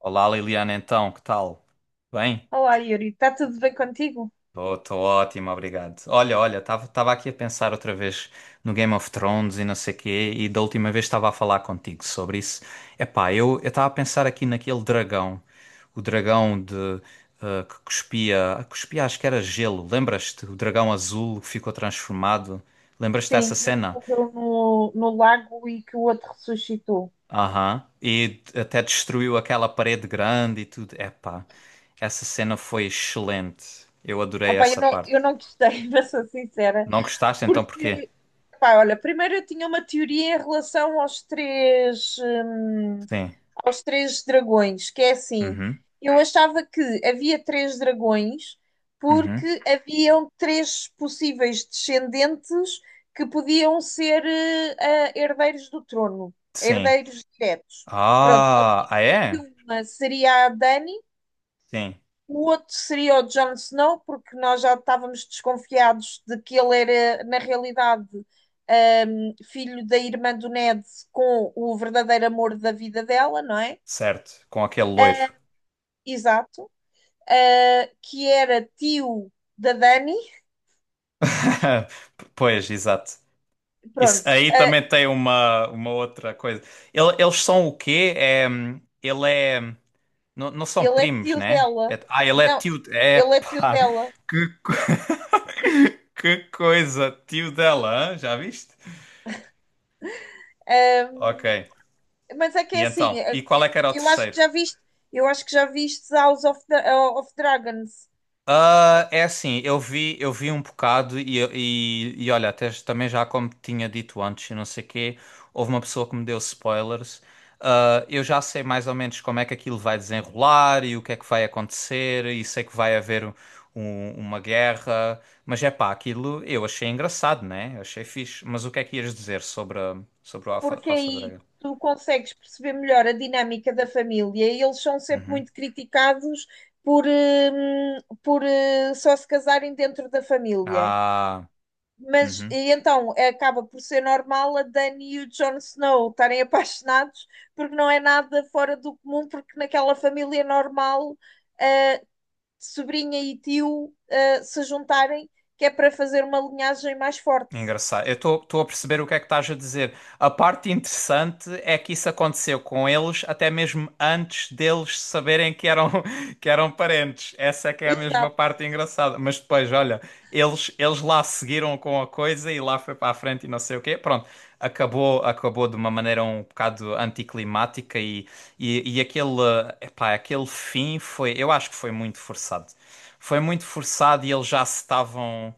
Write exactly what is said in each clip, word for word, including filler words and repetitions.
Olá Liliana, então, que tal? Bem? Olá, Yuri, está tudo bem contigo? Estou ótimo, obrigado. Olha, olha, estava aqui a pensar outra vez no Game of Thrones e não sei quê, e da última vez estava a falar contigo sobre isso. Epá, eu estava a pensar aqui naquele dragão, o dragão de eh, que cuspia, cuspia, acho que era gelo. Lembras-te? O dragão azul que ficou transformado. Lembras-te dessa Sim, mas que cena? morreu no, no lago e que o outro ressuscitou. Aham. E até destruiu aquela parede grande e tudo. Epá, essa cena foi excelente. Eu Ah, adorei pá, eu essa não, parte. eu não gostei, mas sou sincera, Não gostaste então porquê? porque, pá, olha, primeiro eu tinha uma teoria em relação aos três, hum, Sim. aos três dragões, que é assim, Uhum. eu achava que havia três dragões Uhum. porque haviam três possíveis descendentes que podiam ser, eh, ah, herdeiros do trono, Sim. herdeiros diretos. Pronto, Ah, ah é? uma seria a Dani, Sim. o outro seria o Jon Snow, porque nós já estávamos desconfiados de que ele era, na realidade, um filho da irmã do Ned com o verdadeiro amor da vida dela, não é? Certo. Com aquele loiro. Exato. Uh, que era tio da Dani. Pois, exato. Isso Pronto, aí uh, também tem uma, uma outra coisa. Ele- eles são o quê? É, hum, ele é. Não, não são ele é primos, tio né? dela. É, ah, ele é Não, tio. É ele é tio pá, dela. que, co- que coisa, tio dela, hã? Já viste? Ok. Um, mas é que é E assim, então? E qual é que era o eu acho que terceiro? já viste, eu acho que já viste House of, Dra- of Dragons. Ah, é assim, eu vi, eu vi um bocado e, e, e olha, até também já como tinha dito antes, e não sei quê, houve uma pessoa que me deu spoilers. Ah, eu já sei mais ou menos como é que aquilo vai desenrolar e o que é que vai acontecer, e sei que vai haver um- um, uma guerra, mas é pá, aquilo eu achei engraçado, né? Achei fixe. Mas o que é que ias dizer sobre, a- sobre o Alpha, Porque Alpha aí Dragon? tu consegues perceber melhor a dinâmica da família e eles são sempre Uhum. muito criticados por, hum, por eh, só se casarem dentro da família. Ah, Mas uhum. e então acaba por ser normal a Dani e o Jon Snow estarem apaixonados, porque não é nada fora do comum, porque naquela família normal, eh, sobrinha e tio, eh, se juntarem, que é para fazer uma linhagem mais forte. Engraçado. Eu estou a perceber o que é que estás a dizer. A parte interessante é que isso aconteceu com eles até mesmo antes deles saberem que eram, que eram parentes. Essa é que é a mesma Exato. parte engraçada. Mas depois, olha, eles, eles lá seguiram com a coisa e lá foi para a frente e não sei o quê. Pronto, acabou, acabou de uma maneira um bocado anticlimática e, e, e aquele, epá, aquele fim foi, eu acho que foi muito forçado. Foi muito forçado e eles já se estavam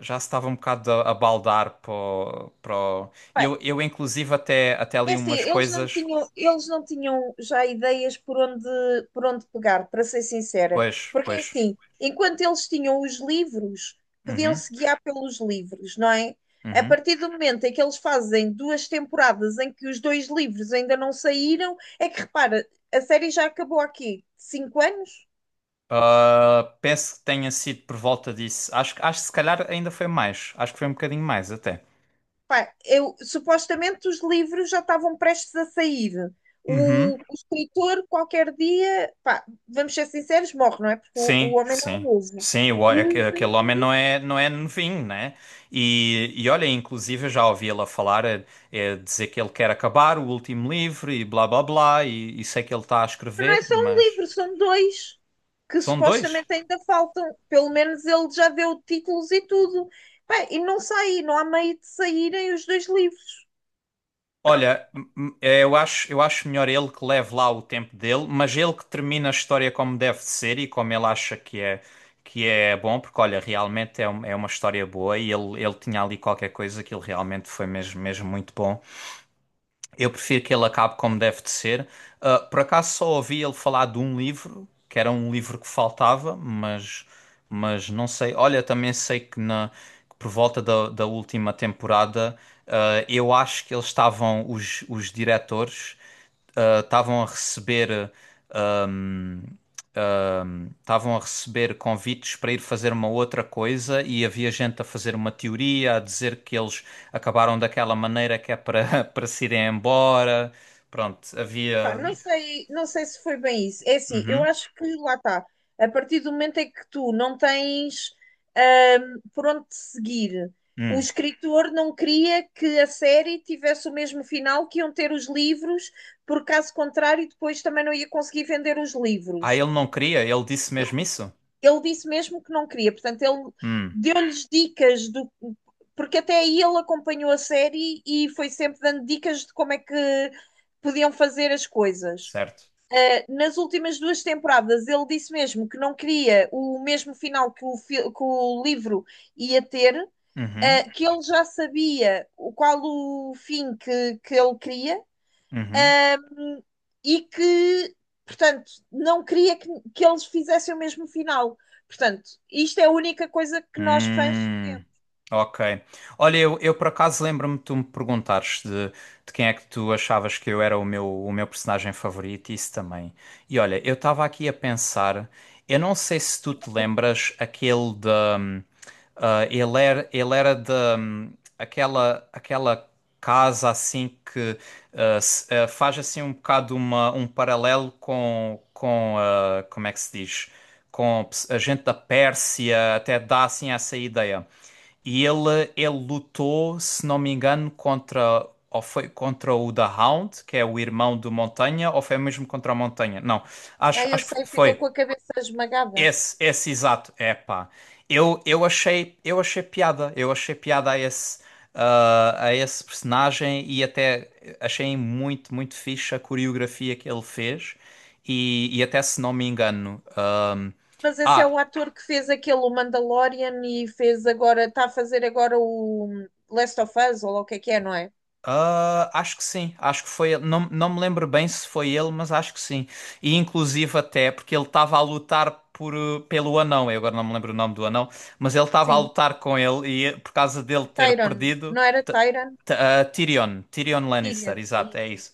já se estava um bocado a, a baldar para o, para o- Eu, eu inclusive até, até É li assim, umas eles não coisas, tinham, eles não tinham já ideias por onde, por onde pegar, para ser sincera. pois, Porque é pois, assim, enquanto eles tinham os livros, uhum, podiam-se guiar pelos livros, não é? A uhum. partir do momento em que eles fazem duas temporadas em que os dois livros ainda não saíram, é que repara, a série já acabou aqui, cinco anos? Ah, penso que tenha sido por volta disso. Acho, que- acho que se calhar ainda foi mais. Acho que foi um bocadinho mais até. Pá, eu, supostamente os livros já estavam prestes a sair. Uhum. O, o escritor, qualquer dia, pá, vamos ser sinceros, morre, não é? Porque o, Sim, o homem não é sim. novo. Sim, o, E aque- o- aquele homem não é, não é novinho, né? E, e olha, inclusive eu já ouvi ela falar, é, é dizer que ele quer acabar o último livro e blá blá blá, e, e sei que ele está a não é escrever, só um mas livro, são dois que são dois. supostamente ainda faltam. Pelo menos ele já deu títulos e tudo. Pá, e não sai, não há meio de saírem os dois livros. Olha, m- m- é, eu acho, eu acho melhor ele que leve lá o tempo dele, mas ele que termina a história como deve de ser e como ele acha que é, que é bom, porque olha, realmente é, um- é uma história boa e ele, ele tinha ali qualquer coisa que ele realmente foi mesmo, mesmo muito bom. Eu prefiro que ele acabe como deve de ser. Ah, por acaso só ouvi ele falar de um livro, que era um livro que faltava, mas, mas não sei. Olha, também sei que, na, que por volta da, da última temporada, ah, eu acho que eles estavam, os, os diretores, ah, estavam a receber. ah, hum, ahm, estavam a receber convites para ir fazer uma outra coisa e havia gente a fazer uma teoria, a dizer que eles acabaram daquela maneira que é para para se irem embora. Pronto, Pá, havia. não sei, não sei se foi bem isso. É assim, eu Uhum. acho que lá está. A partir do momento em que tu não tens ahm, por onde te seguir, o Hum. escritor não queria que a série tivesse o mesmo final que iam ter os livros, porque caso contrário, depois também não ia conseguir vender os Ah, livros. ele não queria, ele disse mesmo isso? Ele disse mesmo que não queria, portanto, ele Hum, deu-lhes dicas do. Porque até aí ele acompanhou a série e foi sempre dando dicas de como é que podiam fazer as coisas. certo. Uh, nas últimas duas temporadas, ele disse mesmo que não queria o mesmo final que o, fi- que o livro ia ter, Uhum. uh, que ele já sabia o- qual o fim que, que ele queria, Uhum. um, e que, portanto, não queria que, que eles fizessem o mesmo final. Portanto, isto é a única coisa que nós fãs Hum, sabemos. ok. Olha, eu, eu por acaso lembro-me de tu me perguntares de, de quem é que tu achavas que eu era o meu, o meu personagem favorito, isso também. E olha, eu estava aqui a pensar, eu não sei se tu te lembras aquele de. hum, ah, ele era, ele era de. hum, aquela, aquela casa assim que ah, se- ah, faz assim um bocado uma, um paralelo com, com ah, como é que se diz? Com a gente da Pérsia, até dá assim essa ideia. E ele, ele lutou, se não me engano, contra ou foi contra o The Hound, que é o irmão do Montanha, ou foi mesmo contra a Montanha? Não, Ah, acho, eu acho que sei, ficou foi com a cabeça esmagada. esse, esse exato. Epá, eu, eu achei, eu achei piada, eu achei piada a esse, ah, a esse personagem e até achei muito, muito fixe a coreografia que ele fez. E, e até se não me engano, ah, Mas esse é ah, o ator que fez aquele o Mandalorian e fez agora, está a fazer agora o Last of Us, ou lá o que é que é, não é? Ah, acho que sim, acho que foi ele. Não, não me lembro bem se foi ele, mas acho que sim. E inclusive até porque ele estava a lutar por, eh, pelo anão, eu agora não me lembro o nome do anão, mas ele estava a Sim, lutar com ele e eh, por causa dele ter Tyron. perdido, Não era T- Tyron? T- ah, Tyrion, Tyrion Lannister, Tyrion. É exato, é isso. isso.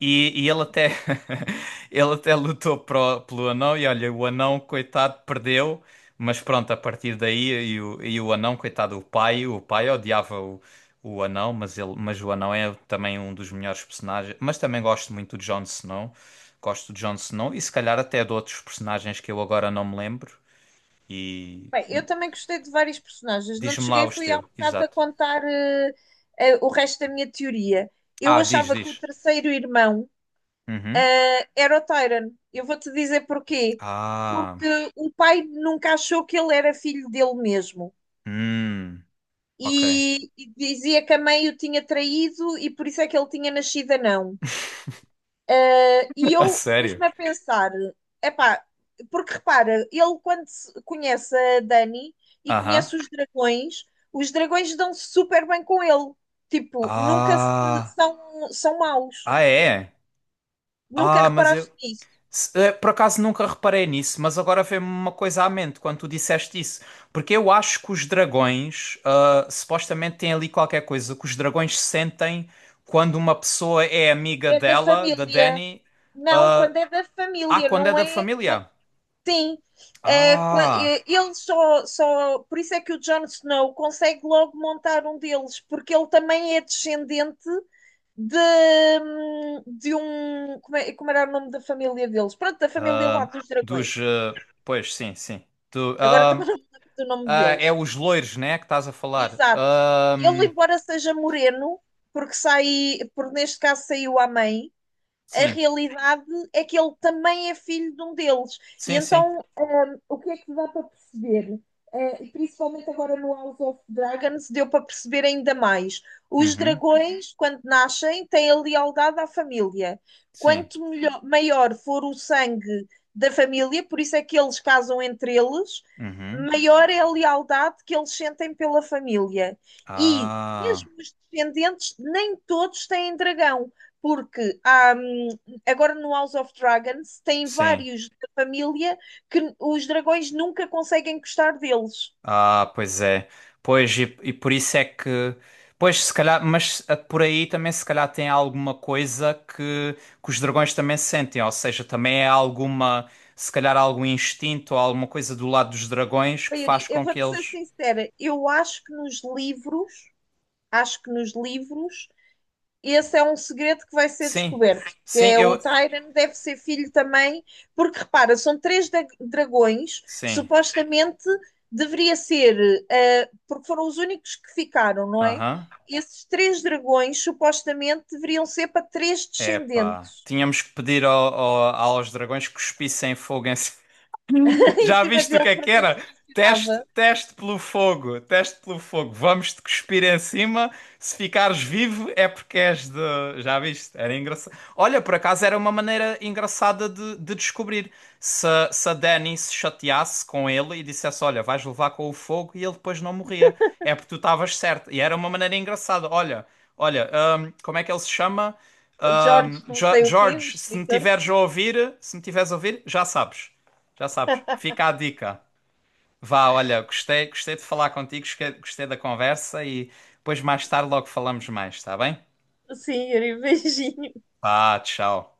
E, e ele até ele até lutou pro, pelo anão e olha, o anão, coitado, perdeu, mas pronto, a partir daí e o, e o anão, coitado, o pai, o pai odiava o, o anão, mas ele, mas o anão é também um dos melhores personagens, mas também gosto muito do Jon Snow. Gosto do Jon Snow e se calhar até de outros personagens que eu agora não me lembro. E Bem, eu também gostei de vários personagens. Não te diz-me lá cheguei, os fui há um teus, bocado a exato. contar eh, eh, o resto da minha teoria. Eu Ah, diz, achava que o diz. terceiro irmão Uhum. era o Tyron. Eu vou-te dizer porquê. Ah, Porque o pai nunca achou que ele era filho dele mesmo. hum, ok. e, e dizia que a mãe o tinha traído e por isso é que ele tinha nascido anão. Eh, E A eu sério? pus-me a pensar, epá, porque repara, ele quando se- conhece a Dani e Aham. conhece os dragões, os dragões dão-se super bem com ele. Tipo, nunca se- Ah, são, são maus. ah é? Nunca Ah, mas eu reparaste nisso. se- eh, por acaso nunca reparei nisso, mas agora veio-me uma coisa à mente quando tu disseste isso, porque eu acho que os dragões ah, supostamente têm ali qualquer coisa que os dragões sentem quando uma pessoa é amiga É da dela, da família. Dani, Não, ah, quando é da ah, família, quando é não da é. família. Sim, é, qua- Ah, é, ele só, só. Por isso é que o Jon Snow consegue logo montar um deles, porque ele também é descendente de, hum, de um. Como, é- como era o nome da família deles? Pronto, da família lá ah, dos dos, dragões. ah, pois sim, sim. Do, Agora ah, também não me lembro do nome ah, é deles. os loiros, né, que estás a falar. Exato. Ah, Ele, embora seja moreno, porque sai, porque neste caso saiu à mãe, a sim, realidade é que ele também é filho de um deles. E sim, sim. então o que é que dá para perceber? Uh, principalmente agora no House of Dragons, deu para perceber ainda mais. Os Uhum. dragões, quando nascem, têm a lealdade à família. Sim. Quanto melhor, maior for o sangue da família, por isso é que eles casam entre eles, Uhum. maior é a lealdade que eles sentem pela família. E Ah, mesmo os descendentes, nem todos têm dragão, porque há, hum, agora no House of Dragons tem sim. vários da família que os dragões nunca conseguem gostar deles. Ah, pois é. Pois, e, e por isso é que. Pois, se calhar, mas ah, por aí também se calhar tem alguma coisa que, que os dragões também sentem, ou seja, também é alguma, se calhar algum instinto ou alguma coisa do lado dos dragões que Bem, Yuri, faz eu com que vou-te ser eles. sincera, eu acho que nos livros, acho que nos livros, esse é um segredo que vai ser Sim, descoberto, que sim, é o eu. Tyrion deve ser filho também, porque repara, são três da- dragões, Sim. supostamente deveria ser, eh, porque foram os únicos que ficaram, não é? Aham. Esses três dragões supostamente deveriam ser para três Epá. descendentes Tínhamos que pedir ao- ao- aos dragões que cuspissem fogo em. em Já cima viste o que dele é para que ver se era? Teste, funcionava. teste pelo fogo, teste pelo fogo. Vamos-te cuspir em cima. Se ficares vivo é porque és de. Já viste? Era engraçado. Olha, por acaso era uma maneira engraçada de, de descobrir. Se, se a Dani se chateasse com ele e dissesse: Olha, vais levar com o fogo, e ele depois não morria. É porque tu estavas certo. E era uma maneira engraçada. Olha, olha, hum, como é que ele se chama? Jorge Hum, não Jo- sei o quê, um George, se me escritor. tiveres a ouvir, se me tiveres a ouvir, já sabes. Já sabes. Fica a dica. Vá, olha, gostei, gostei de falar contigo, gostei gostei da conversa e depois mais tarde logo falamos mais, está bem? Sim, era beijinho. Vá, tchau.